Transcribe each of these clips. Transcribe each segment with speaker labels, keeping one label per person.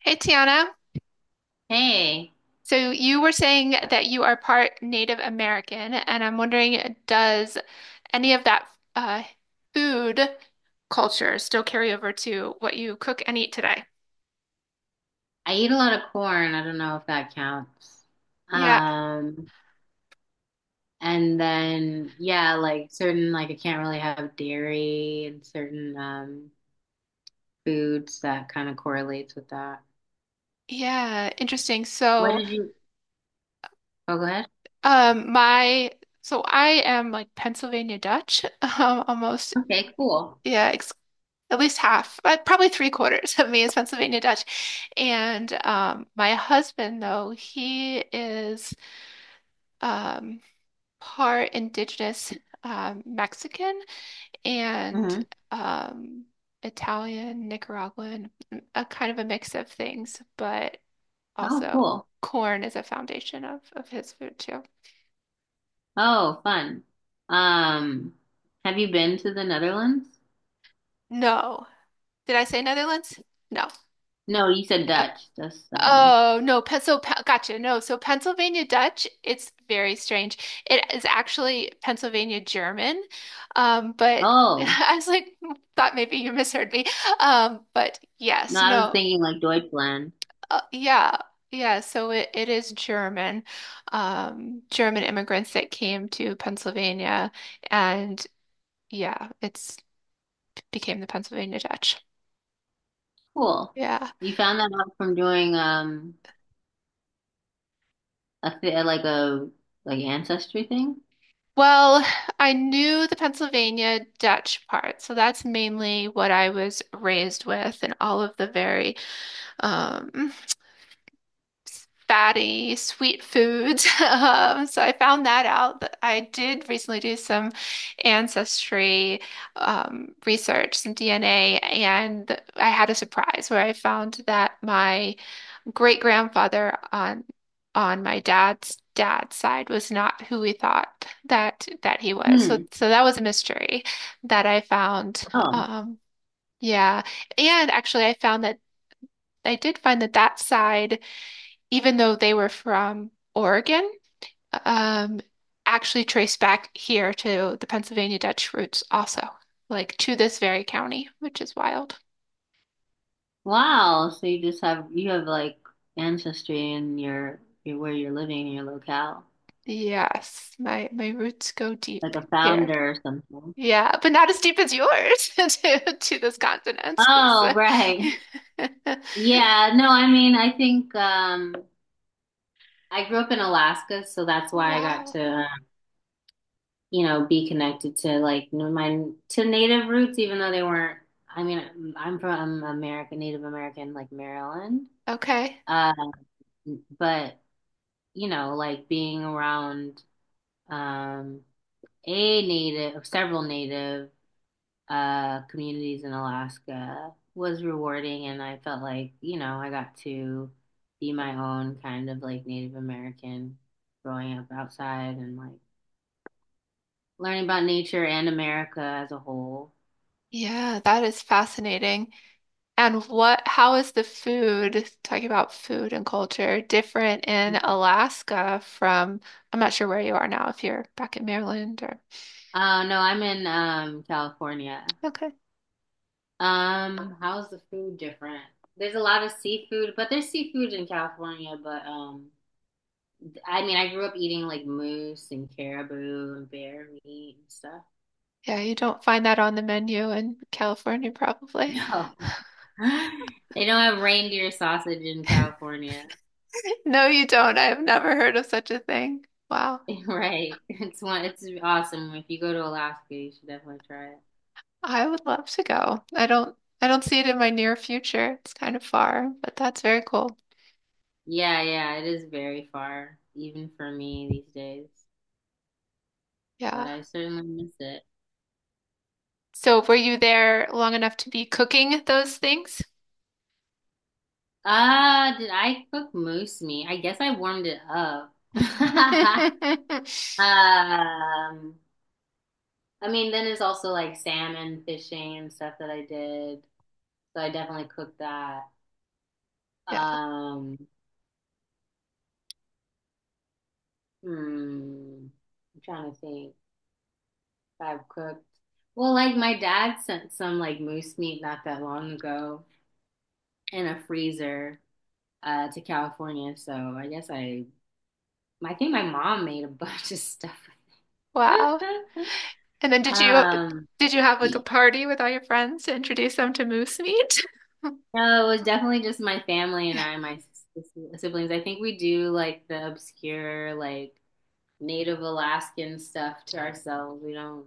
Speaker 1: Hey Tiana,
Speaker 2: Hey,
Speaker 1: so you were saying that you are part Native American, and I'm wondering, does any of that uh, food culture still carry over to what you cook and eat today?
Speaker 2: I eat a lot of corn. I don't know if that counts.
Speaker 1: Yeah,
Speaker 2: Um, and then yeah, like certain like I can't really have dairy and certain foods that kind of correlates with that.
Speaker 1: yeah, interesting.
Speaker 2: What
Speaker 1: So,
Speaker 2: did you? Oh, go ahead.
Speaker 1: my so I am like Pennsylvania Dutch, almost,
Speaker 2: Okay, cool.
Speaker 1: yeah, ex at least half, but probably three-quarters of me is Pennsylvania Dutch, and my husband though he is. Um, Part indigenous Mexican and
Speaker 2: Hmm.
Speaker 1: um, Italian, Nicaraguan, a kind of a mix of things, but
Speaker 2: Oh,
Speaker 1: also
Speaker 2: cool.
Speaker 1: corn is a foundation of his food too.
Speaker 2: Oh, fun. Um, have you been to the Netherlands?
Speaker 1: No. Did I say Netherlands? No.
Speaker 2: No, you said
Speaker 1: Uh,
Speaker 2: Dutch. That's.
Speaker 1: oh, no. Gotcha. No. So, Pennsylvania Dutch, it's very strange. It is actually Pennsylvania German, but
Speaker 2: Oh,
Speaker 1: I was like, thought maybe you misheard me. But
Speaker 2: no,
Speaker 1: yes,
Speaker 2: I was
Speaker 1: no.
Speaker 2: thinking like Deutschland.
Speaker 1: Yeah, yeah. So it is German, German immigrants that came to Pennsylvania, and yeah, it's became the Pennsylvania Dutch.
Speaker 2: Cool.
Speaker 1: Yeah.
Speaker 2: You found that out from doing a th like a like ancestry thing?
Speaker 1: Well, I knew the Pennsylvania Dutch part, so that's mainly what I was raised with, and all of the very um, fatty, sweet foods. So I found that out. But I did recently do some ancestry research, some DNA, and I had a surprise where I found that my great grandfather on my dad's dad's side was not who we thought that he was. So
Speaker 2: Hmm.
Speaker 1: so that was a mystery that I found.
Speaker 2: Oh.
Speaker 1: Um, yeah, and actually I found that. I did find that that side even though they were from Oregon, um, actually trace back here to the Pennsylvania Dutch roots also, like to this very county, which is wild.
Speaker 2: Wow. So you just have like ancestry in your where you're living in your locale.
Speaker 1: Yes, my roots go
Speaker 2: Like
Speaker 1: deep
Speaker 2: a
Speaker 1: here.
Speaker 2: founder or something.
Speaker 1: Yeah, but not as deep as yours to this continent. So-
Speaker 2: Oh, right. Yeah, no, I mean I think I grew up in Alaska, so that's why I got
Speaker 1: Wow.
Speaker 2: to, you know, be connected to like my to native roots, even though they weren't. I mean, I'm from America, Native American, like Maryland.
Speaker 1: Okay.
Speaker 2: Um, but, you know, like being around, um, a native, several native communities in Alaska was rewarding, and I felt like, you know, I got to be my own kind of like Native American growing up outside and like learning about nature and America as a whole.
Speaker 1: Yeah, that is fascinating. And what, how is the food, talking about food and culture, different in Alaska from, I'm not sure where you are now, if you're back in Maryland or,
Speaker 2: No, I'm in California.
Speaker 1: okay.
Speaker 2: How's the food different? There's a lot of seafood, but there's seafood in California, but I mean I grew up eating like moose and caribou and bear meat and stuff.
Speaker 1: Yeah, you don't find that on the menu in California, probably.
Speaker 2: No. They don't have reindeer sausage in California.
Speaker 1: No, you don't. I have never heard of such a thing. Wow.
Speaker 2: Right. It's awesome. If you go to Alaska, you should definitely try it.
Speaker 1: I would love to go. I don't see it in my near future. It's kind of far, but that's very cool.
Speaker 2: Yeah, yeah, it is very far, even for me these days. But
Speaker 1: Yeah.
Speaker 2: I certainly miss it.
Speaker 1: So were you there long enough to be cooking those things?
Speaker 2: Did I cook moose meat? I guess I warmed it up.
Speaker 1: Yeah.
Speaker 2: Um, I mean, then it's also like salmon fishing and stuff that I did. So I definitely cooked that. Um, hmm, I'm trying to think if I've cooked. Well, like my dad sent some like moose meat not that long ago in a freezer to California. So I guess I think my mom made a bunch of stuff.
Speaker 1: Wow. And then
Speaker 2: Um,
Speaker 1: did you have like a party with all your friends to introduce them to moose meat?
Speaker 2: No, it was definitely just my family and I, my siblings. I think we do like the obscure, like Native Alaskan stuff to ourselves. We don't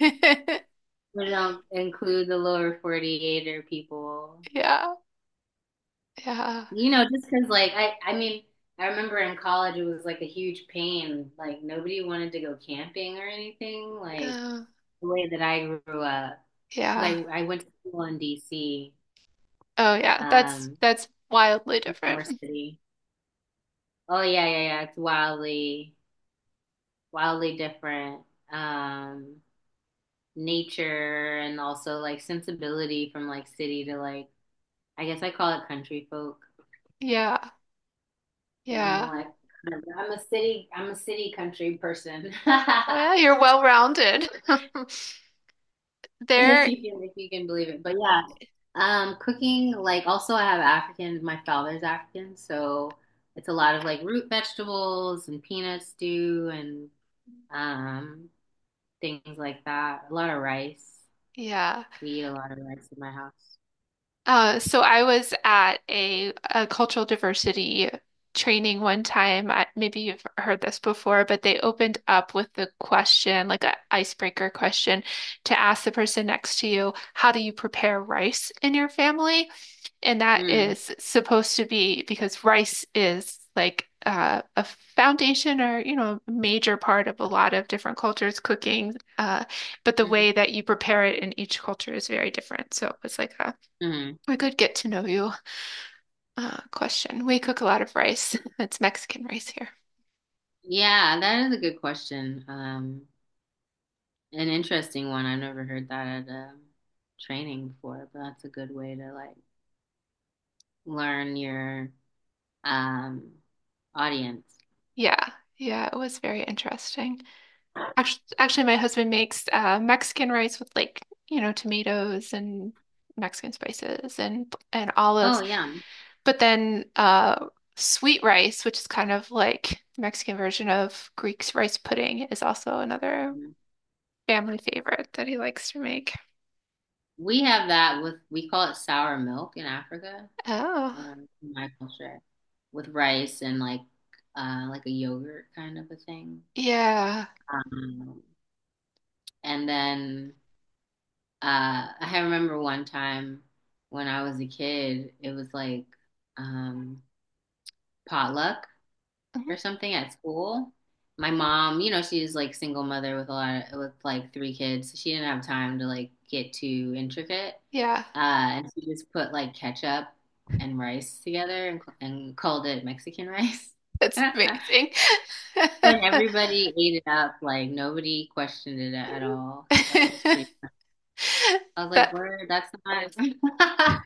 Speaker 2: we don't include the lower 48 or people.
Speaker 1: Yeah. Yeah.
Speaker 2: You know, just because, like, I mean, I remember in college it was like a huge pain. Like nobody wanted to go camping or anything, like
Speaker 1: Oh,
Speaker 2: the way that I grew up,
Speaker 1: yeah.
Speaker 2: because I went to school in DC,
Speaker 1: Oh, yeah.
Speaker 2: um,
Speaker 1: That's wildly
Speaker 2: Baltimore
Speaker 1: different.
Speaker 2: City. Oh yeah, yeah, yeah. It's wildly different, um, nature and also like sensibility from like city to like, I guess I call it, country folk.
Speaker 1: Yeah.
Speaker 2: I'm
Speaker 1: Yeah.
Speaker 2: like I'm a city country person.
Speaker 1: Oh, yeah, you're well-rounded.
Speaker 2: If
Speaker 1: There,
Speaker 2: you can, if you can believe it. But yeah, cooking, like, also I have African, my father's African, so it's a lot of like root vegetables and peanut stew and um things like that. A lot of rice.
Speaker 1: yeah.
Speaker 2: We eat a lot of rice in my house.
Speaker 1: So I was at a cultural diversity training one time. I, maybe you've heard this before, but they opened up with the question, like an icebreaker question, to ask the person next to you, how do you prepare rice in your family? And that
Speaker 2: Mm.
Speaker 1: is supposed to be because rice is like a foundation or, you know, a major part of a lot of different cultures' cooking. But the way that you prepare it in each culture is very different. So it's like
Speaker 2: Hmm.
Speaker 1: a good get to know you question. We cook a lot of rice. It's Mexican rice here.
Speaker 2: Yeah, that is a good question. An interesting one. I've never heard that at a training before, but that's a good way to like learn your um audience.
Speaker 1: Yeah, yeah, it was very interesting. Actually, my husband makes Mexican rice with like, you know, tomatoes and Mexican spices and
Speaker 2: Oh
Speaker 1: olives,
Speaker 2: yeah.
Speaker 1: but then sweet rice, which is kind of like the Mexican version of Greek's rice pudding, is also another
Speaker 2: Mhm.
Speaker 1: family favorite that he likes to make.
Speaker 2: We have that with, we call it sour milk in Africa,
Speaker 1: Oh,
Speaker 2: in my culture, with rice and like a yogurt kind of a thing.
Speaker 1: yeah,
Speaker 2: Um, and then I remember one time when I was a kid, it was like, um, potluck
Speaker 1: Mhm,
Speaker 2: or something at school. My mom, you know, she's like single mother with a lot of, with like three kids. She didn't have time to like get too intricate.
Speaker 1: yeah,
Speaker 2: And she just put like ketchup and rice together and, called it Mexican rice.
Speaker 1: that's amazing.
Speaker 2: And everybody ate it up. Like nobody questioned it at all. So it was pretty. I was like,
Speaker 1: That
Speaker 2: "Word, that's not."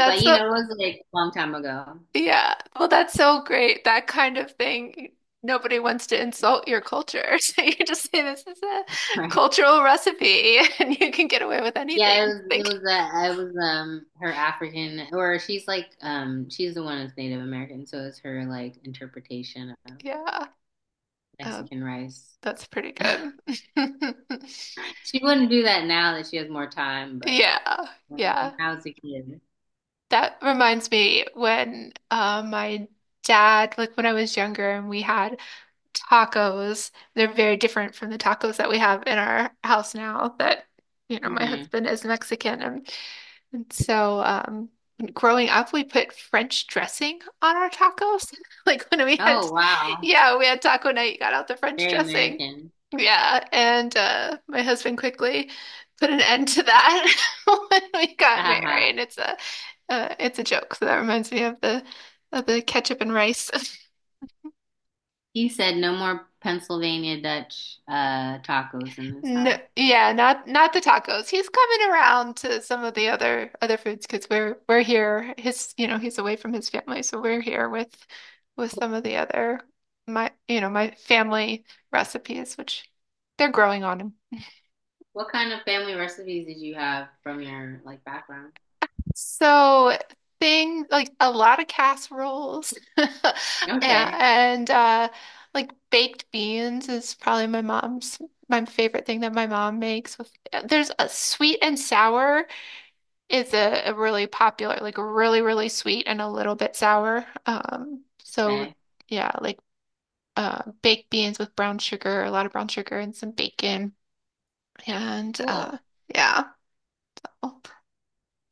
Speaker 2: But you
Speaker 1: a
Speaker 2: know, it was like a long time ago,
Speaker 1: yeah. Well, that's so great. That kind of thing. Nobody wants to insult your culture. So you just say this is a
Speaker 2: right?
Speaker 1: cultural recipe and you can get away with
Speaker 2: Yeah, it
Speaker 1: anything.
Speaker 2: was. It
Speaker 1: Like,
Speaker 2: was. Her African, or she's like, she's the one that's Native American, so it's her like interpretation of
Speaker 1: yeah. Um,
Speaker 2: Mexican rice.
Speaker 1: that's pretty good.
Speaker 2: She wouldn't do that now that she has more time, but
Speaker 1: Yeah.
Speaker 2: when
Speaker 1: Yeah.
Speaker 2: I was a kid.
Speaker 1: That reminds me when my dad, like when I was younger and we had tacos. They're very different from the tacos that we have in our house now that, you know, my
Speaker 2: Hmm.
Speaker 1: husband is Mexican. And so, um, Growing up, we put French dressing on our tacos. Like when we had,
Speaker 2: Oh wow,
Speaker 1: yeah, we had taco night, you got out the French
Speaker 2: very
Speaker 1: dressing.
Speaker 2: American.
Speaker 1: Yeah. And my husband quickly put an end to that when we
Speaker 2: Ha
Speaker 1: got
Speaker 2: ha ha.
Speaker 1: married. It's a joke. So that reminds me of the ketchup and rice.
Speaker 2: He said no more Pennsylvania Dutch tacos in this
Speaker 1: No,
Speaker 2: house.
Speaker 1: yeah, not not the tacos. He's coming around to some of the other foods because we're here. His, you know, he's away from his family, so we're here with some of the other my, you know, my family recipes, which they're growing on him.
Speaker 2: What kind of family recipes did you have from your like background?
Speaker 1: So thing like a lot of casseroles, yeah,
Speaker 2: Okay.
Speaker 1: and like baked beans is probably my favorite thing that my mom makes with there's a sweet and sour. It's a really popular, like really, really sweet and a little bit sour. So
Speaker 2: Okay,
Speaker 1: yeah, like baked beans with brown sugar, a lot of brown sugar and some bacon, and
Speaker 2: cool.
Speaker 1: yeah, Oh,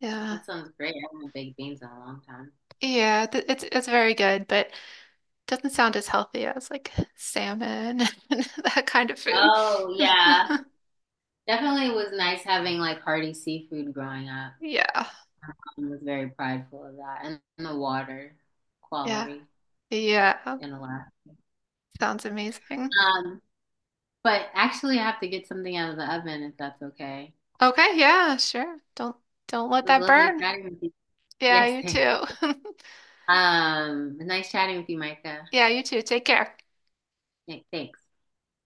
Speaker 1: yeah,
Speaker 2: That sounds great. I haven't baked beans in a long time.
Speaker 1: yeah. th- it's very good, but doesn't sound as healthy as like salmon and that kind of food.
Speaker 2: Oh, yeah. Definitely was nice having like hearty seafood growing up.
Speaker 1: Yeah,
Speaker 2: I was very prideful of that and the water
Speaker 1: yeah,
Speaker 2: quality
Speaker 1: yeah.
Speaker 2: in Alaska.
Speaker 1: Sounds amazing.
Speaker 2: Um, but actually, I have to get something out of the oven if that's okay.
Speaker 1: Okay, yeah, sure. Don't let
Speaker 2: It was
Speaker 1: that
Speaker 2: lovely
Speaker 1: burn.
Speaker 2: chatting with you.
Speaker 1: Yeah,
Speaker 2: Yes,
Speaker 1: you
Speaker 2: thanks.
Speaker 1: too.
Speaker 2: Nice chatting with you, Micah.
Speaker 1: Yeah, you too. Take care.
Speaker 2: Yeah, thanks.